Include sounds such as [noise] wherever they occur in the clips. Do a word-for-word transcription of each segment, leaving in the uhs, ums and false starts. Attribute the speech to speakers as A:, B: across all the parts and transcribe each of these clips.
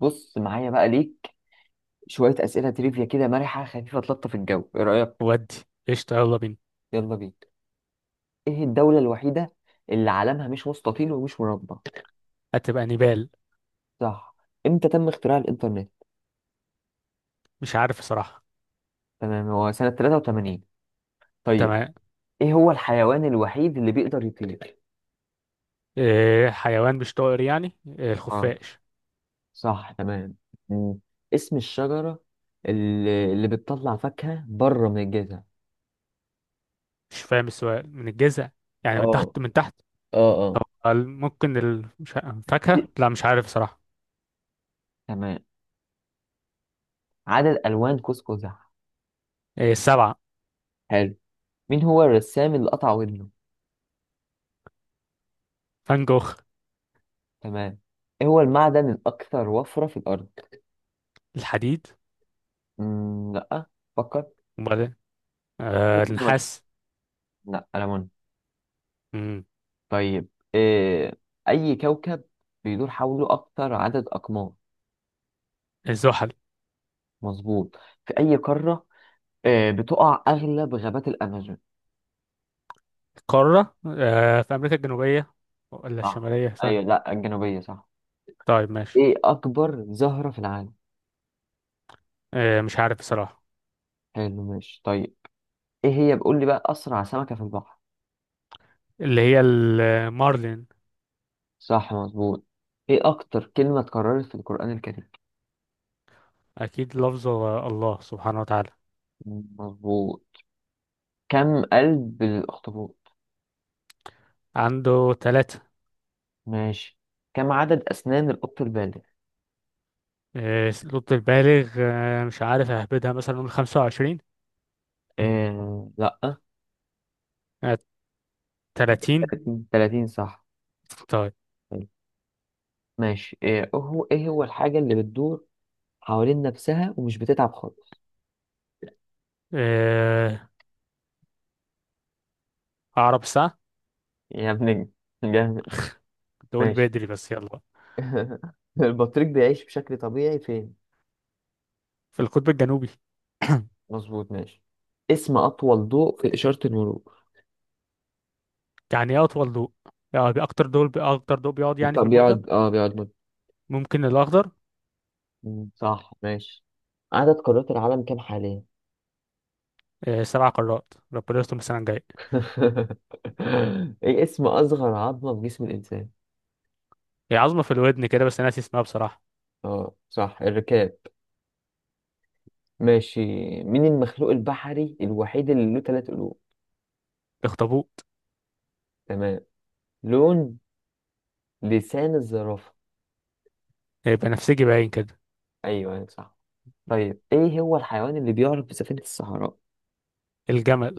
A: بص معايا بقى ليك شوية أسئلة تريفيا كده مرحة خفيفة تلطف الجو، إيه رأيك؟
B: ودي. قشطة، يلا بينا.
A: يلا بينا. إيه الدولة الوحيدة اللي علمها مش مستطيل ومش مربع؟
B: هتبقى نبال.
A: صح. إمتى تم اختراع الإنترنت؟
B: مش عارف صراحة.
A: تمام، هو سنة تلاتة وتمانين. طيب،
B: تمام.
A: إيه هو الحيوان الوحيد اللي بيقدر يطير؟
B: إيه حيوان مش طائر؟ يعني إيه؟
A: آه،
B: الخفاش.
A: صح تمام. مم. اسم الشجرة اللي, اللي بتطلع فاكهة بره من الجذع.
B: مش فاهم السؤال، من الجذع؟ يعني من
A: اه
B: تحت، من تحت.
A: اه
B: طب
A: اه.
B: ال- ممكن ال... مش ع- فاكهة، لا مش عارف صراحة.
A: تمام. عدد ألوان قوس قزح.
B: إيه، السبعة.
A: حلو. مين هو الرسام اللي قطع ودنه؟
B: فان جوخ.
A: تمام. ايه هو المعدن الاكثر وفرة في الارض؟
B: الحديد.
A: مم، لا، فكر.
B: وبعدين، آه النحاس.
A: لا، ألمون.
B: مم.
A: طيب، إيه، أي كوكب بيدور حوله أكتر عدد أقمار؟
B: الزحل.
A: مظبوط. في أي قارة إيه بتقع أغلب غابات الأمازون؟
B: القارة، آه في أمريكا الجنوبية، ولا
A: صح،
B: الشمالية؟
A: أيوة،
B: ثانية.
A: لا الجنوبية صح.
B: طيب ماشي.
A: إيه أكبر زهرة في العالم؟
B: إيه، مش عارف الصراحة.
A: حلو، ماشي، طيب. إيه هي، بقول لي بقى، أسرع سمكة في البحر؟
B: اللي هي المارلين.
A: صح مظبوط. إيه أكتر كلمة اتكررت في القرآن الكريم؟
B: أكيد لفظ الله سبحانه وتعالى.
A: مظبوط. كم قلب للأخطبوط؟
B: عنده ثلاثة.
A: ماشي. كم عدد أسنان القط البالغ؟
B: الضد البالغ، آه، مش عارف، اهبدها مثلا نقول خمسة وعشرين.
A: آه... لأ،
B: آه، تلاتين.
A: تلاتين تلاتين صح.
B: طيب.
A: حلو. ماشي، إيه هو إيه هو الحاجة اللي بتدور حوالين نفسها ومش بتتعب خالص؟
B: آه، عقرب الساعة.
A: يا ابن ال- جامد.
B: دول
A: ماشي.
B: بدري بس، يلا بقى.
A: [laughs] البطريق بيعيش بشكل طبيعي فين؟
B: في القطب الجنوبي.
A: مظبوط ماشي. اسم أطول ضوء في إشارة المرور.
B: يعني ايه أطول ضوء؟ يعني أكتر، دول أكتر ضوء بيقعد يعني في
A: طب
B: المدة.
A: بيقعد اه بيقعد مد...
B: ممكن الأخضر.
A: مم، صح ماشي. عدد قارات العالم كام حاليا؟
B: آه، سبع قارات، ربنا يستر السنة الجاية.
A: [laughs] ايه اسم اصغر عظمة في جسم الانسان؟
B: هي عظمة في الودن كده، بس أنا ناسي اسمها بصراحة.
A: اه صح الركاب. ماشي. مين المخلوق البحري الوحيد اللي له ثلاث قلوب؟
B: الأخطبوط.
A: تمام. لون لسان الزرافة.
B: آه، بنفسجي باين كده.
A: ايوه أيوة، صح. طيب، ايه هو الحيوان اللي بيعرف بسفينة الصحراء؟
B: الجمل.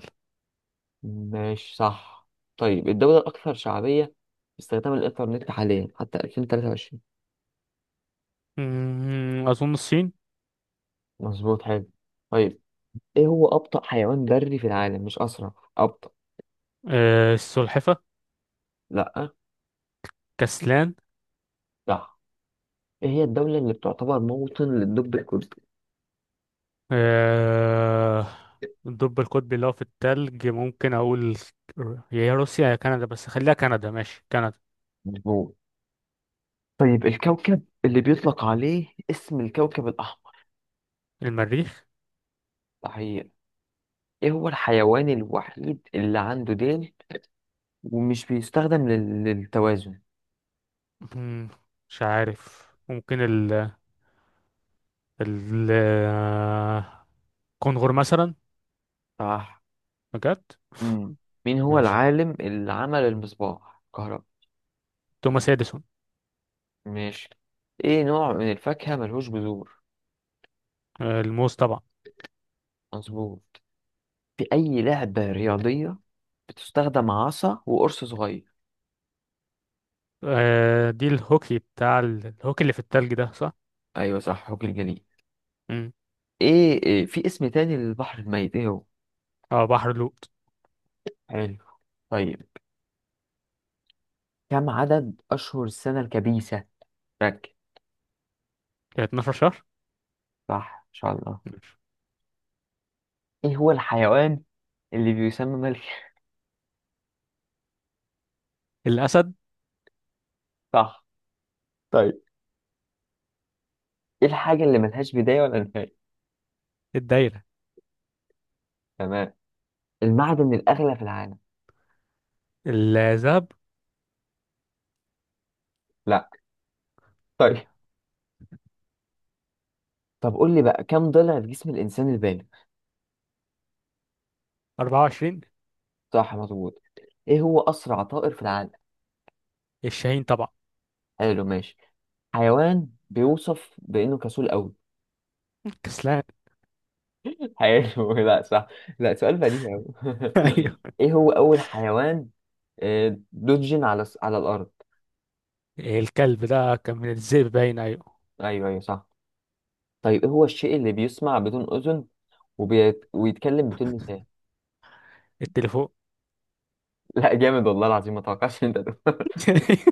A: ماشي صح. طيب، الدولة الأكثر شعبية باستخدام الإنترنت حاليا حتى ألفين وتلاتة وعشرين.
B: مم، أظن الصين.
A: مظبوط حلو. طيب، ايه هو أبطأ حيوان بري في العالم، مش أسرع، أبطأ.
B: آه، السلحفة.
A: لأ.
B: كسلان.
A: صح. ايه هي الدولة اللي بتعتبر موطن للدب الكردي؟
B: آه، الدب القطبي اللي هو في التلج، ممكن أقول يا هي روسيا يا كندا، بس خليها كندا، ماشي كندا.
A: مظبوط. طيب، الكوكب اللي بيطلق عليه اسم الكوكب الأحمر.
B: المريخ.
A: صحيح. ايه هو الحيوان الوحيد اللي عنده ديل ومش بيستخدم لل- للتوازن؟
B: مم، مش عارف، ممكن ال ال آه، كونغر مثلا.
A: صح.
B: بجد.
A: امم. مين هو
B: ماشي.
A: العالم اللي عمل المصباح كهرباء؟
B: توماس اديسون.
A: ماشي. ايه نوع من الفاكهة ملهوش جذور؟
B: آه، الموز طبعا.
A: مظبوط. في أي لعبة رياضية بتستخدم عصا وقرص صغير؟
B: آه، دي الهوكي بتاع ال- الهوكي اللي في التلج ده، صح؟
A: أيوة صح، حوك الجليد.
B: مم.
A: إيه, إيه في اسم تاني للبحر الميت، إيه هو؟
B: اه، بحر لوط.
A: حلو. طيب، كم عدد أشهر السنة الكبيسة؟ ركز.
B: اتناشر شهر.
A: صح إن شاء الله.
B: ماشي.
A: إيه هو الحيوان اللي بيسمى ملك؟ [laughs]
B: الأسد.
A: صح. طيب، إيه الحاجة اللي ملهاش بداية ولا نهاية؟
B: الدايرة.
A: تمام. المعدن الأغلى في العالم.
B: الذهب.
A: لا. طيب، طب قول لي بقى كم ضلع في جسم الإنسان البالغ؟
B: أربعة وعشرين.
A: صح مظبوط. إيه هو أسرع طائر في العالم؟
B: الشاهين طبعا.
A: حلو ماشي. حيوان بيوصف بإنه كسول أوي.
B: كسلان.
A: حلو [laughs] لا صح. لا، سؤال بديهي أوي.
B: [laughs]
A: [laughs]
B: أيوه.
A: إيه هو أول حيوان آه، له جين على الس- على الأرض؟
B: الكلب، ده كان من الذئب باين، ايوه.
A: أيوه أيوه صح. طيب، إيه هو الشيء اللي بيسمع بدون أذن وبيت... ويتكلم بدون لسان؟
B: التليفون.
A: [laughs] لا، جامد والله العظيم، ما توقعتش إن أنت تقول.
B: [laughs]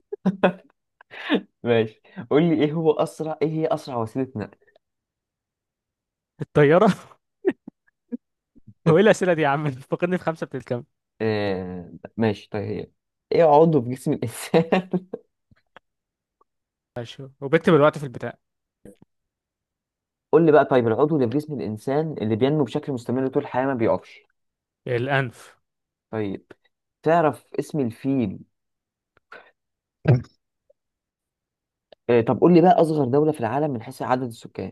A: [laughs] ماشي. قول لي إيه هو أسرع إيه هي أسرع وسيلة نقل؟
B: الطياره. هو ايه
A: ات-
B: الاسئله دي يا عم؟ فاقدني في خمسه بتتكلم.
A: آه... ماشي. طيب، هي إيه عضو في جسم الإنسان؟
B: ماشي، وبكتب الوقت في البتاع.
A: [laughs] قول لي بقى، طيب، العضو اللي في جسم الإنسان اللي بينمو بشكل مستمر طول الحياة ما بيقفش.
B: الانف.
A: طيب، تعرف اسم الفيل؟
B: [laughs]
A: آه، طب قول لي بقى أصغر دولة في العالم من حيث عدد السكان.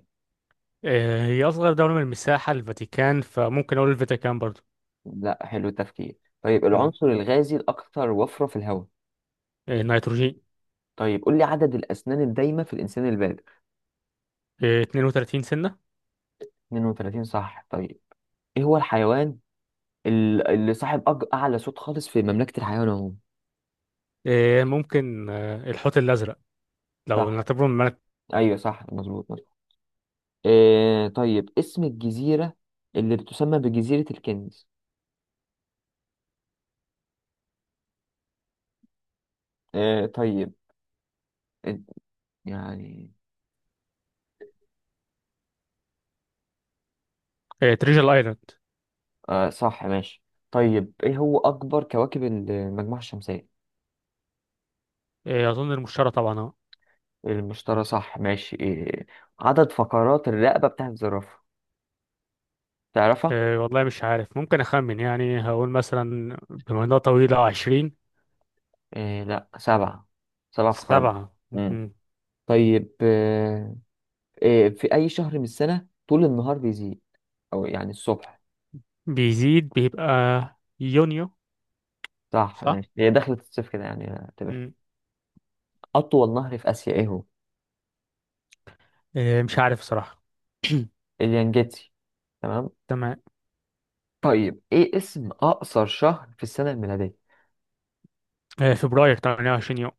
B: آه، هي اصغر دوله من المساحه الفاتيكان، فممكن اقول الفاتيكان برضو.
A: لا، حلو التفكير. طيب،
B: مم.
A: العنصر الغازي الأكثر وفرة في الهواء.
B: آه، نيتروجين.
A: طيب، قول لي عدد الأسنان الدايمة في الإنسان البالغ.
B: آه، اتنين وتلاتين سنه.
A: اثنين وثلاثين صح. طيب، إيه هو الحيوان ال- اللي صاحب أج- أعلى صوت خالص في مملكة الحيوان عموما؟
B: آه، ممكن آه، الحوت الازرق، لو
A: صح،
B: نعتبره من ملك.
A: أيوه صح مظبوط مظبوط. آه، طيب، اسم الجزيرة اللي بتسمى بجزيرة الكنز. آه طيب. إن- يعني،
B: آه، تريجل ايلاند.
A: آه صح ماشي. طيب، إيه هو أكبر كواكب المجموعة الشمسية؟
B: آه، اظن المشتري طبعا، اه.
A: المشترى صح ماشي. إيه. عدد فقرات الرقبة بتاعت الزرافة، تعرفها؟
B: آه، والله مش عارف، ممكن اخمن يعني، هقول مثلا بما انها طويله عشرين.
A: إيه، لا سبعة، سبع فقرات.
B: سبعة.
A: مم. طيب، آه، إيه في أي شهر من السنة طول النهار بيزيد، أو يعني الصبح؟
B: بيزيد، بيبقى يونيو.
A: صح
B: صح؟
A: ماشي. هي دخلت الصيف كده يعني اعتبر.
B: مم.
A: أطول نهر في آسيا إيه هو؟
B: آه، مش عارف صراحة. [clears throat]
A: اليانجيتسي. تمام.
B: تمام.
A: طيب، إيه اسم أقصر شهر في السنة الميلادية؟
B: آه، فبراير تمانية وعشرين يوم. [clears throat]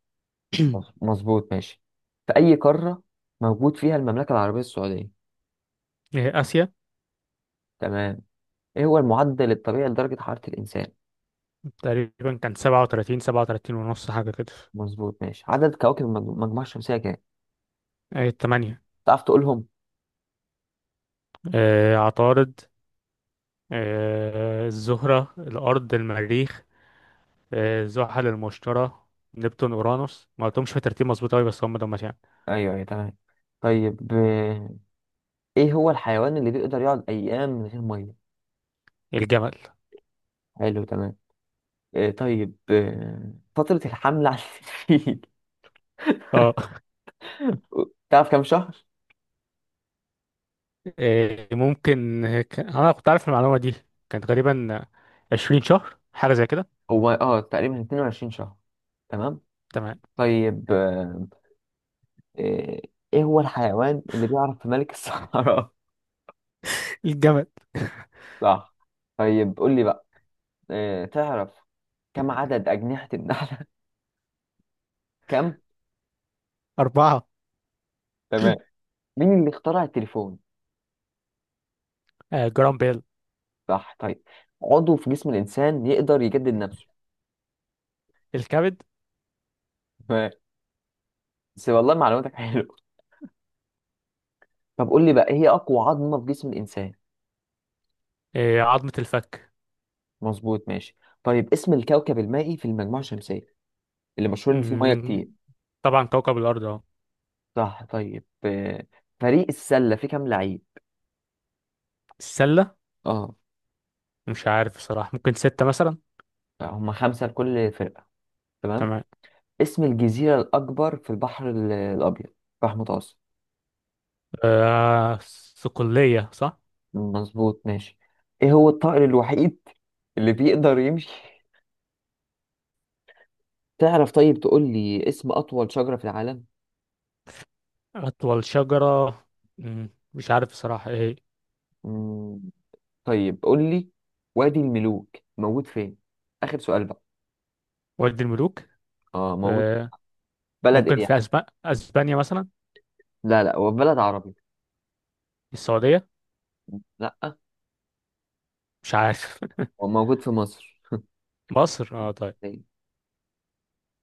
A: مظ- مظبوط ماشي. في أي قارة موجود فيها المملكة العربية السعودية؟
B: آه، آسيا.
A: تمام. ايه هو المعدل الطبيعي لدرجة حرارة الإنسان؟
B: تقريبا كان سبعة وتلاتين سبعة وتلاتين ونص حاجة كده.
A: مظبوط ماشي. عدد كواكب المج- المجموعة الشمسية كام؟
B: آه، تمانية.
A: تعرف تقولهم؟
B: آه، عطارد، آه، الزهرة، الأرض، المريخ، آه، زحل، المشتري، نبتون، اورانوس. ما قلتهمش في ترتيب مظبوط قوي، بس هم دول يعني.
A: أيوه أيوه تمام. طيب، آه، ايه هو الحيوان اللي بيقدر يقعد أيام من غير مية؟
B: الجمل.
A: حلو تمام. آه، طيب، آه، فترة الحمل على الفيل.
B: اه.
A: [laughs] تعرف كام شهر؟
B: [laughs] آه، ممكن آه، ك- انا كنت عارف المعلومة دي، كانت غالبا عشرين شهر حاجة زي كده.
A: هو اه تقريبا اتنين وعشرين شهر. تمام.
B: تمام.
A: طيب، آه، آه، ايه هو الحيوان اللي بيعرف في ملك الصحراء؟
B: الجمل.
A: [laughs] صح. طيب، قول لي بقى، آه، تعرف كم عدد أجنحة النمل؟ كم؟
B: أربعة.
A: تمام. مين اللي اخترع التليفون؟
B: آه، جرام بيل.
A: صح طيب. عضو في جسم الإنسان يقدر يجدد نفسه.
B: الكبد.
A: تمام. بس والله معلوماتك حلوة. طب قول لي بقى إيه هي أقوى عظمة في جسم الإنسان؟
B: آه، عظمة الفك.
A: مظبوط ماشي. طيب، اسم الكوكب المائي في المجموعة الشمسية اللي مشهور إن فيه مية
B: مم،
A: كتير.
B: طبعا كوكب الأرض أهو.
A: صح. طيب، آه، فريق السلة فيه كام لعيب؟
B: السلة؟
A: اه.
B: مش عارف بصراحة، ممكن ستة مثلا.
A: هم خمسة لكل فرقة. تمام.
B: تمام.
A: اسم الجزيرة الأكبر في البحر ال- الأبيض، البحر المتوسط.
B: آه، صقلية، صح.
A: مظبوط ماشي. إيه هو الطائر الوحيد اللي بيقدر يمشي، تعرف؟ طيب، تقول لي اسم أطول شجرة في العالم؟
B: أطول شجرة، مم، مش عارف بصراحة إيه.
A: مم. طيب، قول لي وادي الملوك موجود فين؟ آخر سؤال بقى.
B: وادي الملوك.
A: اه، موجود في
B: آه.
A: بلد
B: ممكن
A: إيه يعني؟
B: في أسبانيا، أسبانيا مثلا.
A: لا لا، هو في بلد عربي.
B: السعودية.
A: لا.
B: مش عارف.
A: هو موجود في مصر.
B: [laughs] مصر، اه طيب.